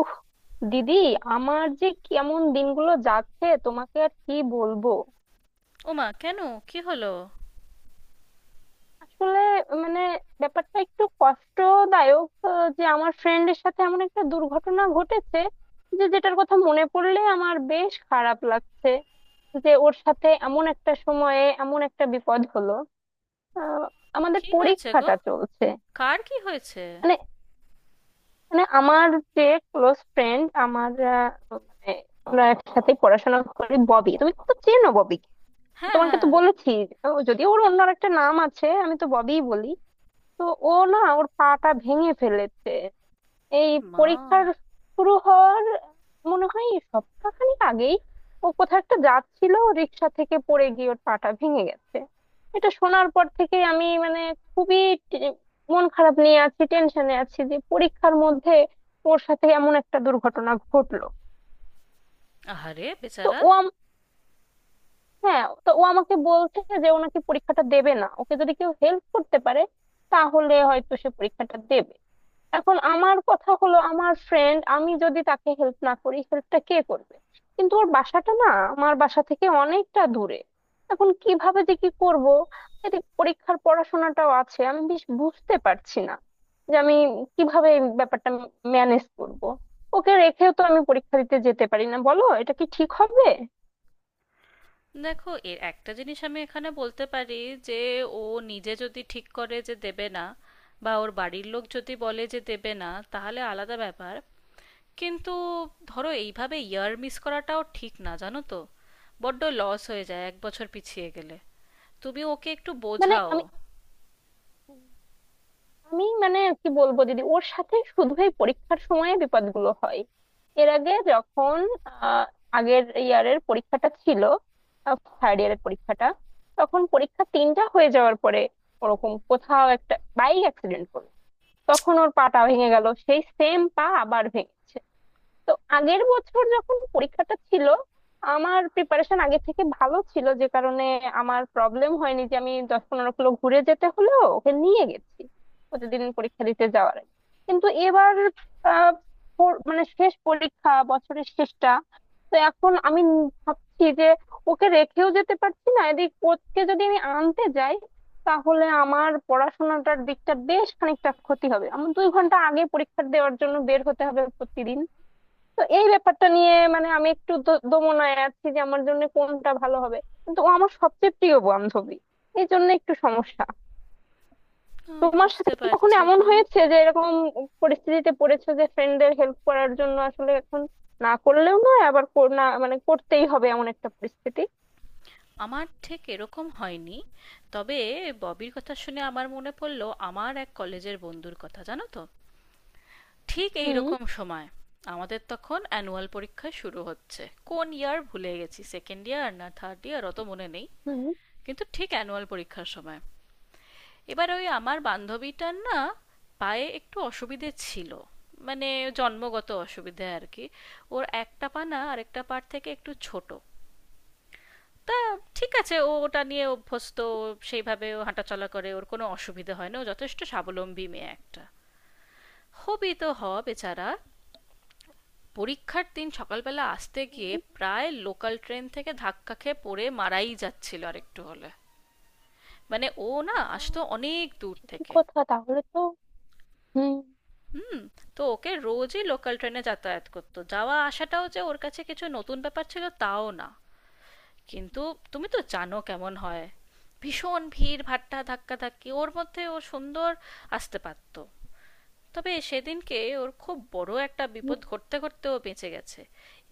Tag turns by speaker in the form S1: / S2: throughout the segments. S1: উফ, দিদি! আমার যে কেমন দিনগুলো যাচ্ছে তোমাকে আর কি বলবো।
S2: ওমা, কেন? কি হলো?
S1: আসলে, মানে ব্যাপারটা একটু কষ্টদায়ক যে আমার ফ্রেন্ডের সাথে এমন একটা দুর্ঘটনা ঘটেছে, যে যেটার কথা মনে পড়লে আমার বেশ খারাপ লাগছে, যে ওর সাথে এমন একটা সময়ে এমন একটা বিপদ হলো। আহ, আমাদের
S2: কি হয়েছে গো?
S1: পরীক্ষাটা চলছে।
S2: কার কি হয়েছে?
S1: মানে মানে আমার যে ক্লোজ ফ্রেন্ড আমার, মানে আমরা একসাথে পড়াশোনা করি, ববি। তুমি তো চেনো ববি,
S2: হ্যাঁ,
S1: তোমাকে
S2: হ্যাঁ।
S1: তো বলেছি। ও যদি ওর অন্য একটা নাম আছে, আমি তো ববিই বলি। তো ও না ওর পাটা ভেঙে ফেলেছে এই
S2: মা!
S1: পরীক্ষার শুরু হওয়ার মনে হয় সপ্তাহখানেক আগেই। ও কোথাও একটা যাচ্ছিল, রিক্সা থেকে পড়ে গিয়ে ওর পাটা ভেঙে গেছে। এটা শোনার পর থেকে আমি মানে খুবই টে- মন খারাপ নিয়ে আছি, টেনশনে আছি যে পরীক্ষার মধ্যে ওর সাথে এমন একটা দুর্ঘটনা ঘটলো।
S2: আহারে
S1: তো
S2: বেচারা।
S1: ও, হ্যাঁ তো ও আমাকে বলছে যে ও নাকি পরীক্ষাটা দেবে না, ওকে যদি কেউ হেল্প করতে পারে তাহলে হয়তো সে পরীক্ষাটা দেবে। এখন আমার কথা হলো আমার ফ্রেন্ড, আমি যদি তাকে হেল্প না করি হেল্পটা কে করবে। কিন্তু ওর বাসাটা না আমার বাসা থেকে অনেকটা দূরে। এখন কিভাবে যে কি করব, এদিকে পরীক্ষার পড়াশোনাটাও আছে। আমি বেশ বুঝতে পারছি না যে আমি কিভাবে এই ব্যাপারটা ম্যানেজ করব। ওকে রেখেও তো আমি পরীক্ষা দিতে যেতে পারি না, বলো এটা কি ঠিক হবে?
S2: দেখো, এর একটা জিনিস আমি এখানে বলতে পারি যে ও নিজে যদি ঠিক করে যে দেবে না, বা ওর বাড়ির লোক যদি বলে যে দেবে না, তাহলে আলাদা ব্যাপার। কিন্তু ধরো, এইভাবে ইয়ার মিস করাটাও ঠিক না, জানো তো। বড্ড লস হয়ে যায় এক বছর পিছিয়ে গেলে। তুমি ওকে একটু
S1: মানে
S2: বোঝাও।
S1: আমি, আমি কি বলবো দিদি, ওর সাথে শুধু এই পরীক্ষার সময়ে বিপদগুলো হয়। এর আগে যখন আহ, আগের ইয়ারের পরীক্ষাটা ছিল, থার্ড ইয়ারের পরীক্ষাটা, তখন পরীক্ষা তিনটা হয়ে যাওয়ার পরে ওরকম কোথাও একটা বাইক অ্যাক্সিডেন্ট করলো, তখন ওর পাটা ভেঙে গেল। সেই সেম পা আবার ভেঙেছে। তো আগের বছর যখন পরীক্ষাটা ছিল আমার প্রিপারেশন আগে থেকে ভালো ছিল, যে কারণে আমার প্রবলেম হয়নি যে আমি 10-15 কিলো ঘুরে যেতে হলো, ওকে নিয়ে গেছি প্রতিদিন পরীক্ষা দিতে যাওয়ার আগে। কিন্তু এবার আহ, মানে শেষ পরীক্ষা, বছরের শেষটা। তো এখন আমি ভাবছি যে ওকে রেখেও যেতে পারছি না, এদিক ওকে যদি আমি আনতে যাই তাহলে আমার পড়াশোনাটার দিকটা বেশ খানিকটা ক্ষতি হবে, আমার 2 ঘন্টা আগে পরীক্ষা দেওয়ার জন্য বের হতে হবে প্রতিদিন। তো এই ব্যাপারটা নিয়ে মানে আমি একটু দোমনায় আছি যে আমার জন্য কোনটা ভালো হবে। কিন্তু ও আমার সবচেয়ে প্রিয় বান্ধবী, এই জন্য একটু সমস্যা। তোমার সাথে
S2: বুঝতে
S1: কি কখনো
S2: পারছি
S1: এমন
S2: গো।
S1: হয়েছে যে এরকম পরিস্থিতিতে পড়েছো, যে ফ্রেন্ডদের হেল্প করার জন্য আসলে এখন না করলেও নয়, আবার কর- না মানে করতেই হবে, এমন একটা পরিস্থিতি?
S2: আমার ঠিক এরকম হয়নি, তবে ববির কথা শুনে আমার মনে পড়লো আমার এক কলেজের বন্ধুর কথা, জানো তো। ঠিক এই
S1: হুম।
S2: রকম সময় আমাদের তখন অ্যানুয়াল পরীক্ষা শুরু হচ্ছে। কোন ইয়ার ভুলে গেছি, সেকেন্ড ইয়ার না থার্ড ইয়ার, অত মনে নেই।
S1: হুম।
S2: কিন্তু ঠিক অ্যানুয়াল পরীক্ষার সময়, এবার ওই আমার বান্ধবীটার না, পায়ে একটু অসুবিধে ছিল। মানে জন্মগত অসুবিধে আর কি। ওর একটা পা না আরেকটা পার থেকে একটু ছোট। তা ঠিক আছে, ও ওটা নিয়ে অভ্যস্ত। ও সেইভাবে ও হাঁটাচলা করে, ওর কোনো অসুবিধা হয় না, ও যথেষ্ট স্বাবলম্বী মেয়ে একটা। হবি তো হ, বেচারা পরীক্ষার দিন সকালবেলা আসতে গিয়ে
S1: হুম।
S2: প্রায় লোকাল ট্রেন থেকে ধাক্কা খেয়ে পড়ে মারাই যাচ্ছিল আর একটু হলে। মানে ও না
S1: ও,
S2: আসতো অনেক দূর
S1: ঠিকই
S2: থেকে।
S1: কথা, তাহলে তো। হুম।
S2: হুম। তো ওকে রোজই লোকাল ট্রেনে যাতায়াত করতো, যাওয়া আসাটাও যে ওর কাছে কিছু নতুন ব্যাপার ছিল তাও না। কিন্তু তুমি তো জানো কেমন হয়, ভীষণ ভিড় ভাট্টা ধাক্কা ধাক্কি। ওর মধ্যে ও সুন্দর আসতে পারতো। তবে সেদিনকে ওর খুব বড় একটা
S1: হুম,
S2: বিপদ ঘটতে ঘটতে ও বেঁচে গেছে।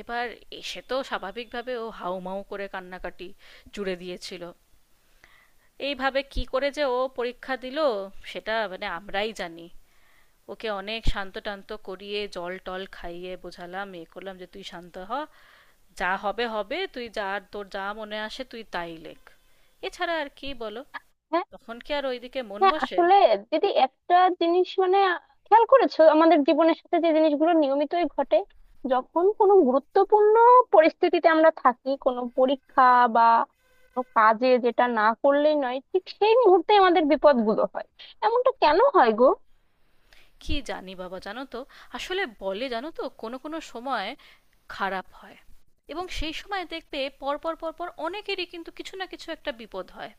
S2: এবার এসে তো স্বাভাবিকভাবে ও হাউমাউ করে কান্নাকাটি জুড়ে দিয়েছিল। এইভাবে কি করে যে ও পরীক্ষা দিল সেটা মানে আমরাই জানি। ওকে অনেক শান্ত টান্ত করিয়ে, জল টল খাইয়ে বোঝালাম, এ করলাম যে তুই শান্ত হ, যা হবে হবে, তুই যা, আর তোর যা মনে আসে তুই তাই লেখ। এছাড়া আর কি বলো,
S1: হ্যাঁ।
S2: তখন কি আর ওইদিকে মন
S1: হ্যাঁ
S2: বসে?
S1: আসলে দিদি একটা জিনিস মানে খেয়াল করেছো, আমাদের জীবনের সাথে যে জিনিসগুলো নিয়মিতই ঘটে, যখন কোনো গুরুত্বপূর্ণ পরিস্থিতিতে আমরা থাকি, কোনো পরীক্ষা বা কোনো কাজে যেটা না করলেই নয়, ঠিক সেই মুহূর্তে আমাদের বিপদগুলো হয়। এমনটা কেন হয় গো?
S2: কি জানি বাবা, জানো তো, আসলে বলে জানো তো কোনো কোনো সময় খারাপ হয়, এবং সেই সময় দেখবে পরপর পরপর অনেকেরই কিন্তু কিছু না কিছু একটা বিপদ হয়।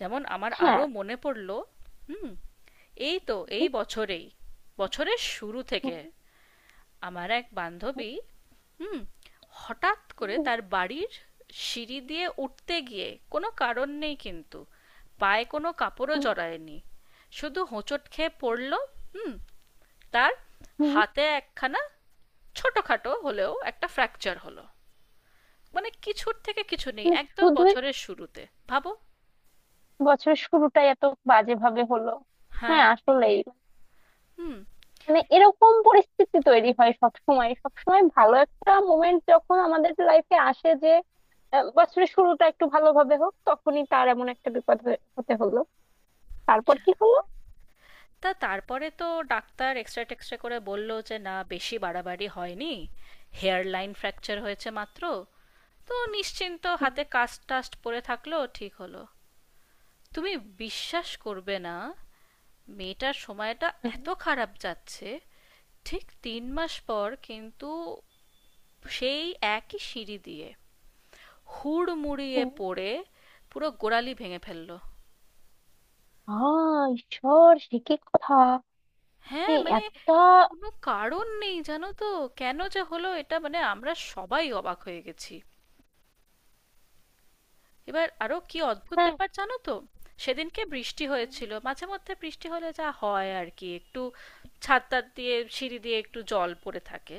S2: যেমন আমার
S1: হ্যাঁ
S2: আরও মনে পড়লো। হুম। এই তো এই বছরেই, বছরের শুরু থেকে আমার এক বান্ধবী, হুম, হঠাৎ করে তার বাড়ির সিঁড়ি দিয়ে উঠতে গিয়ে, কোনো কারণ নেই, কিন্তু পায়ে কোনো কাপড়ও জড়ায়নি, শুধু হোঁচট খেয়ে পড়ল। হুম। তার
S1: মানে
S2: হাতে একখানা ছোটোখাটো হলেও একটা ফ্র্যাকচার হলো। মানে কিছুর থেকে কিছু নেই, একদম
S1: শুধুই,
S2: বছরের শুরুতে। ভাবো!
S1: বছরের শুরুটাই এত বাজে ভাবে হলো।
S2: হ্যাঁ।
S1: হ্যাঁ আসলেই।
S2: হুম।
S1: মানে এরকম পরিস্থিতি তৈরি হয় সব সময়, সব সময় ভালো একটা মোমেন্ট যখন আমাদের লাইফে আসে যে বছরের শুরুটা একটু ভালোভাবে হোক, তখনই তার এমন একটা বিপদ হতে হলো। তারপর কি হলো?
S2: তা তারপরে তো ডাক্তার এক্সরে টেক্সরে করে বলল যে না, বেশি বাড়াবাড়ি হয়নি, হেয়ার লাইন ফ্র্যাকচার হয়েছে মাত্র। তো নিশ্চিন্ত,
S1: হুম।
S2: হাতে কাস্ট টাস্ট পরে থাকলো, ঠিক হলো। তুমি বিশ্বাস করবে না, মেয়েটার সময়টা
S1: হুম।
S2: এত খারাপ যাচ্ছে, ঠিক তিন মাস পর কিন্তু সেই একই সিঁড়ি দিয়ে হুড়মুড়িয়ে
S1: হুম।
S2: পড়ে পুরো গোড়ালি ভেঙে ফেললো।
S1: আ, ঈশ্বর, সে কি কথা!
S2: হ্যাঁ,
S1: এই
S2: মানে
S1: এতটা!
S2: কোনো কারণ নেই, জানো তো। কেন যে হলো এটা মানে আমরা সবাই অবাক হয়ে গেছি। এবার আরও কি অদ্ভুত
S1: হ্যাঁ,
S2: ব্যাপার জানো তো, সেদিনকে বৃষ্টি
S1: হ্যাঁ,
S2: হয়েছিল। মাঝে মধ্যে বৃষ্টি হলে যা হয় আর কি, একটু ছাদ টাদ দিয়ে সিঁড়ি দিয়ে একটু জল পড়ে থাকে।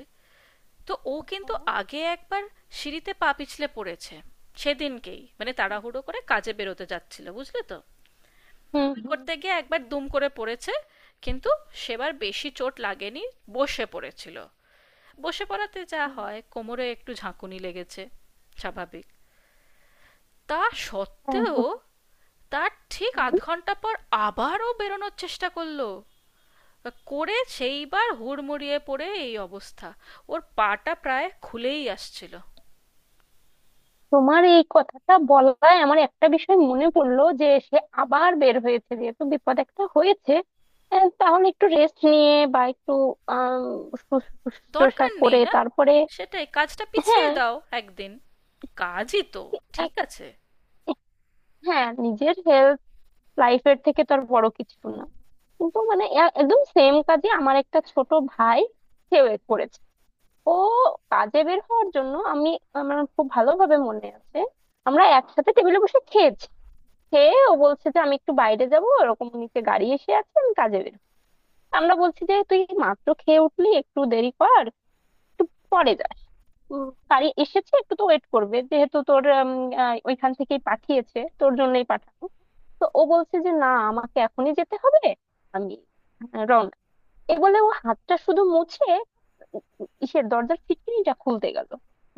S2: তো ও কিন্তু
S1: হ্যাঁ,
S2: আগে একবার সিঁড়িতে পা পিছলে পড়েছে। সেদিনকেই মানে তাড়াহুড়ো করে কাজে বেরোতে যাচ্ছিল, বুঝলে তো,
S1: হুম,
S2: ওই
S1: হুম।
S2: করতে গিয়ে একবার দুম করে পড়েছে। কিন্তু সেবার বেশি চোট লাগেনি, বসে পড়েছিল। বসে পড়াতে যা
S1: হুম,
S2: হয়, কোমরে একটু ঝাঁকুনি লেগেছে, স্বাভাবিক। তা
S1: হ্যাঁ
S2: সত্ত্বেও তার ঠিক আধ ঘন্টা পর আবারও বেরোনোর চেষ্টা করলো, করে সেইবার হুড়মুড়িয়ে পড়ে এই অবস্থা, ওর পাটা প্রায় খুলেই আসছিল।
S1: তোমার এই কথাটা বলায় আমার একটা বিষয় মনে পড়লো, যে সে আবার বের হয়েছে যেহেতু বিপদ একটা হয়েছে, তাহলে একটু রেস্ট নিয়ে বা একটু আম, শুশ্রূষা
S2: দরকার নেই
S1: করে
S2: না,
S1: তারপরে।
S2: সেটাই, কাজটা পিছিয়ে
S1: হ্যাঁ।
S2: দাও একদিন, কাজই তো, ঠিক
S1: এক-
S2: আছে।
S1: হ্যাঁ, নিজের হেলথ, লাইফের থেকে তো আর বড় কিছু না। কিন্তু মানে একদম সেম কাজে আমার একটা ছোট ভাই সেও এ করেছে। ও কাজে বের হওয়ার জন্য, আমি, আমার খুব ভালোভাবে মনে আছে, আমরা একসাথে টেবিলে বসে খেয়েছি। খেয়ে ও বলছে যে আমি একটু বাইরে যাব, ওরকম নিচে গাড়ি এসে আছে, আমি কাজে বের হই। আমরা বলছি যে তুই মাত্র খেয়ে উঠলি, একটু দেরি কর, পরে যাস। উম, গাড়ি এসেছে, একটু তো ওয়েট করবে, যেহেতু তোর ওইখান থেকেই পাঠিয়েছে, তোর জন্যই পাঠানো। তো ও বলছে যে না, আমাকে এখনই যেতে হবে, আমি রওনা। এ বলে ও হাতটা শুধু মুছে ইসের দরজার ফিটকিনিটা খুলতে গেল।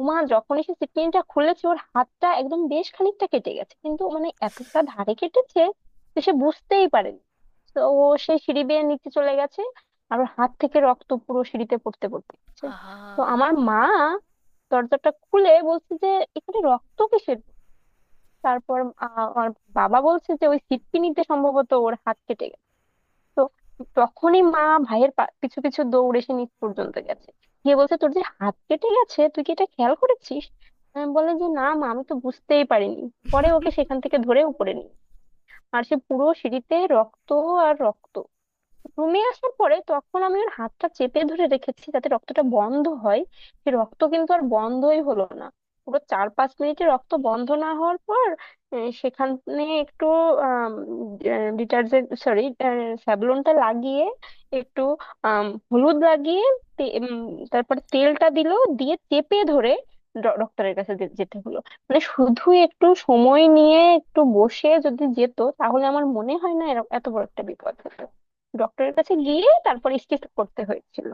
S1: উমা, যখনই সে ফিটকিনিটা খুলেছে ওর হাতটা একদম বেশ খানিকটা কেটে গেছে, কিন্তু মানে এতটা ধারে কেটেছে যে সে বুঝতেই পারেনি। তো ও সে সিঁড়ি বেয়ে নিচে চলে গেছে, আর ওর হাত থেকে রক্ত পুরো সিঁড়িতে পড়তে পড়তে গেছে।
S2: আহা!
S1: তো আমার মা দরজাটা খুলে বলছে যে এখানে রক্ত কিসের। তারপর আমার বাবা বলছে যে ওই ফিটকিনিতে সম্ভবত ওর হাত কেটে। তো তখনই মা ভাইয়ের পিছু পিছু দৌড়ে সে নিচ পর্যন্ত গেছে, গিয়ে বলছে তোর যে হাত কেটে গেছে, তুই কি এটা খেয়াল করেছিস? আমি বলে যে না মা, আমি তো বুঝতেই পারিনি। পরে ওকে সেখান থেকে ধরে উপরে নিই, আর সে পুরো সিঁড়িতে রক্ত আর রক্ত। রুমে আসার পরে তখন আমি ওর হাতটা চেপে ধরে রেখেছি যাতে রক্তটা বন্ধ হয়, সে রক্ত কিন্তু আর বন্ধই হলো না। পুরো 4-5 মিনিটে রক্ত বন্ধ না হওয়ার পর সেখানে একটু ডিটারজেন্ট সরি স্যাভলনটা লাগিয়ে, একটু আম, হলুদ লাগিয়ে, তে- উম, তারপরে তেলটা দিল, দিয়ে চেপে ধরে ডক্টরের কাছে যেতে হলো। মানে শুধু একটু সময় নিয়ে একটু বসে যদি যেত, তাহলে আমার মনে হয় না এত বড় একটা বিপদ হতো। ডক্টরের কাছে গিয়ে তারপর স্টিচ করতে হয়েছিল।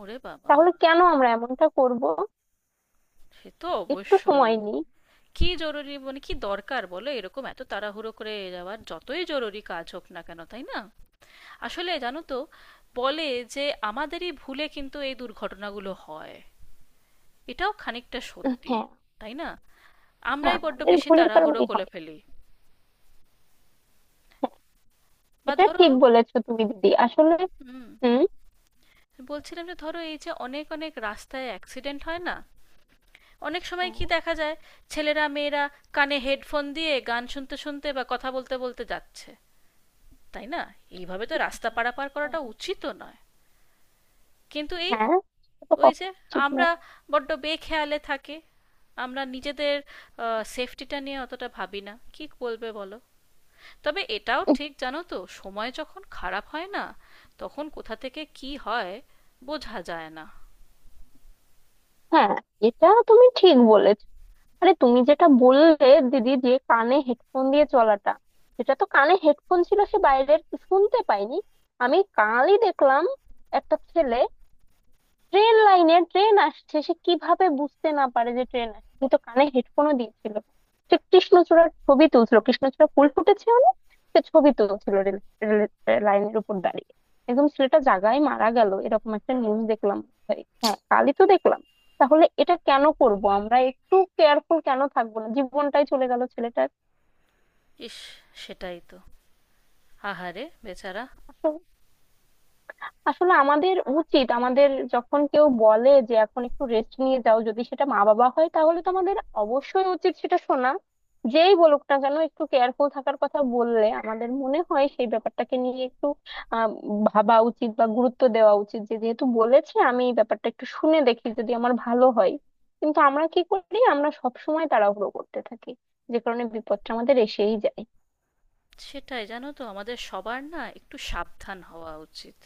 S2: ওরে বাবা!
S1: তাহলে কেন আমরা এমনটা করব,
S2: সে তো
S1: একটু
S2: অবশ্যই।
S1: সময় নিই।
S2: কি জরুরি, মানে কি দরকার বলো এরকম এত তাড়াহুড়ো করে যাওয়ার, যতই জরুরি কাজ হোক না কেন, তাই না? আসলে জানো তো, বলে যে আমাদেরই ভুলে কিন্তু এই দুর্ঘটনাগুলো হয়, এটাও খানিকটা সত্যি,
S1: হ্যাঁ।
S2: তাই না?
S1: হ্যাঁ,
S2: আমরাই বড্ড
S1: আমাদের
S2: বেশি
S1: ভুলের
S2: তাড়াহুড়ো
S1: কারণেই
S2: করে
S1: হয়।
S2: ফেলি। বা
S1: এটা
S2: ধরো,
S1: ঠিক বলেছো তুমি দিদি আসলে।
S2: হুম,
S1: হুম।
S2: বলছিলাম যে ধরো, এই যে অনেক অনেক রাস্তায় অ্যাক্সিডেন্ট হয় না, অনেক সময় কি দেখা যায়, ছেলেরা মেয়েরা কানে হেডফোন দিয়ে গান শুনতে শুনতে বা কথা বলতে বলতে যাচ্ছে, তাই না? এইভাবে তো রাস্তা পারাপার করাটা উচিতও নয়। কিন্তু এই,
S1: হ্যাঁ, হ্যাঁ, হ্যাঁ, এটা তো
S2: ওই
S1: কখনো
S2: যে,
S1: উচিত
S2: আমরা
S1: নয়।
S2: বড্ড বেখেয়ালে থাকে, আমরা নিজেদের সেফটিটা নিয়ে অতটা ভাবি না, কি বলবে বলো। তবে এটাও
S1: উম,
S2: ঠিক, জানো তো, সময় যখন খারাপ হয় না, তখন কোথা থেকে কি হয় বোঝা যায় না।
S1: হ্যাঁ, এটা তুমি ঠিক বলেছো। আরে তুমি যেটা বললে দিদি, যে কানে হেডফোন দিয়ে চলাটা, সেটা তো কানে হেডফোন ছিল, সে বাইরের শুনতে পাইনি। আমি কালই দেখলাম একটা ছেলে, ট্রেন লাইনে ট্রেন আসছে, সে কিভাবে বুঝতে না পারে যে ট্রেন আসছে? সে তো কানে হেডফোনও দিয়েছিল, সে কৃষ্ণচূড়ার ছবি তুলছিল, কৃষ্ণচূড়া ফুল ফুটেছে অনেক, সে ছবি তুলছিল রেল রেল- লাইনের উপর দাঁড়িয়ে। একদম ছেলেটা জাগায় মারা গেল, এরকম একটা নিউজ দেখলাম ভাই। হ্যাঁ, কালই তো দেখলাম। তাহলে এটা কেন করব আমরা, একটু কেয়ারফুল কেন থাকবো না? জীবনটাই চলে গেল ছেলেটার।
S2: ইস! সেটাই তো। আহারে বেচারা।
S1: আসলে আমাদের উচিত, আমাদের যখন কেউ বলে যে এখন একটু রেস্ট নিয়ে যাও, যদি সেটা মা বাবা হয় তাহলে তো আমাদের অবশ্যই উচিত সেটা শোনা। যেই বলুক না কেন একটু কেয়ারফুল থাকার কথা বললে, আমাদের মনে হয় সেই ব্যাপারটাকে নিয়ে একটু আহ ভাবা উচিত, বা গুরুত্ব দেওয়া উচিত, যে যেহেতু বলেছে আমি এই ব্যাপারটা একটু শুনে দেখি, যদি আমার ভালো হয়। কিন্তু আমরা কি করি, আমরা সব সময় তাড়াহুড়ো করতে থাকি, যে কারণে বিপদটা আমাদের এসেই যায়।
S2: সেটাই, জানো তো, আমাদের সবার না একটু সাবধান হওয়া উচিত।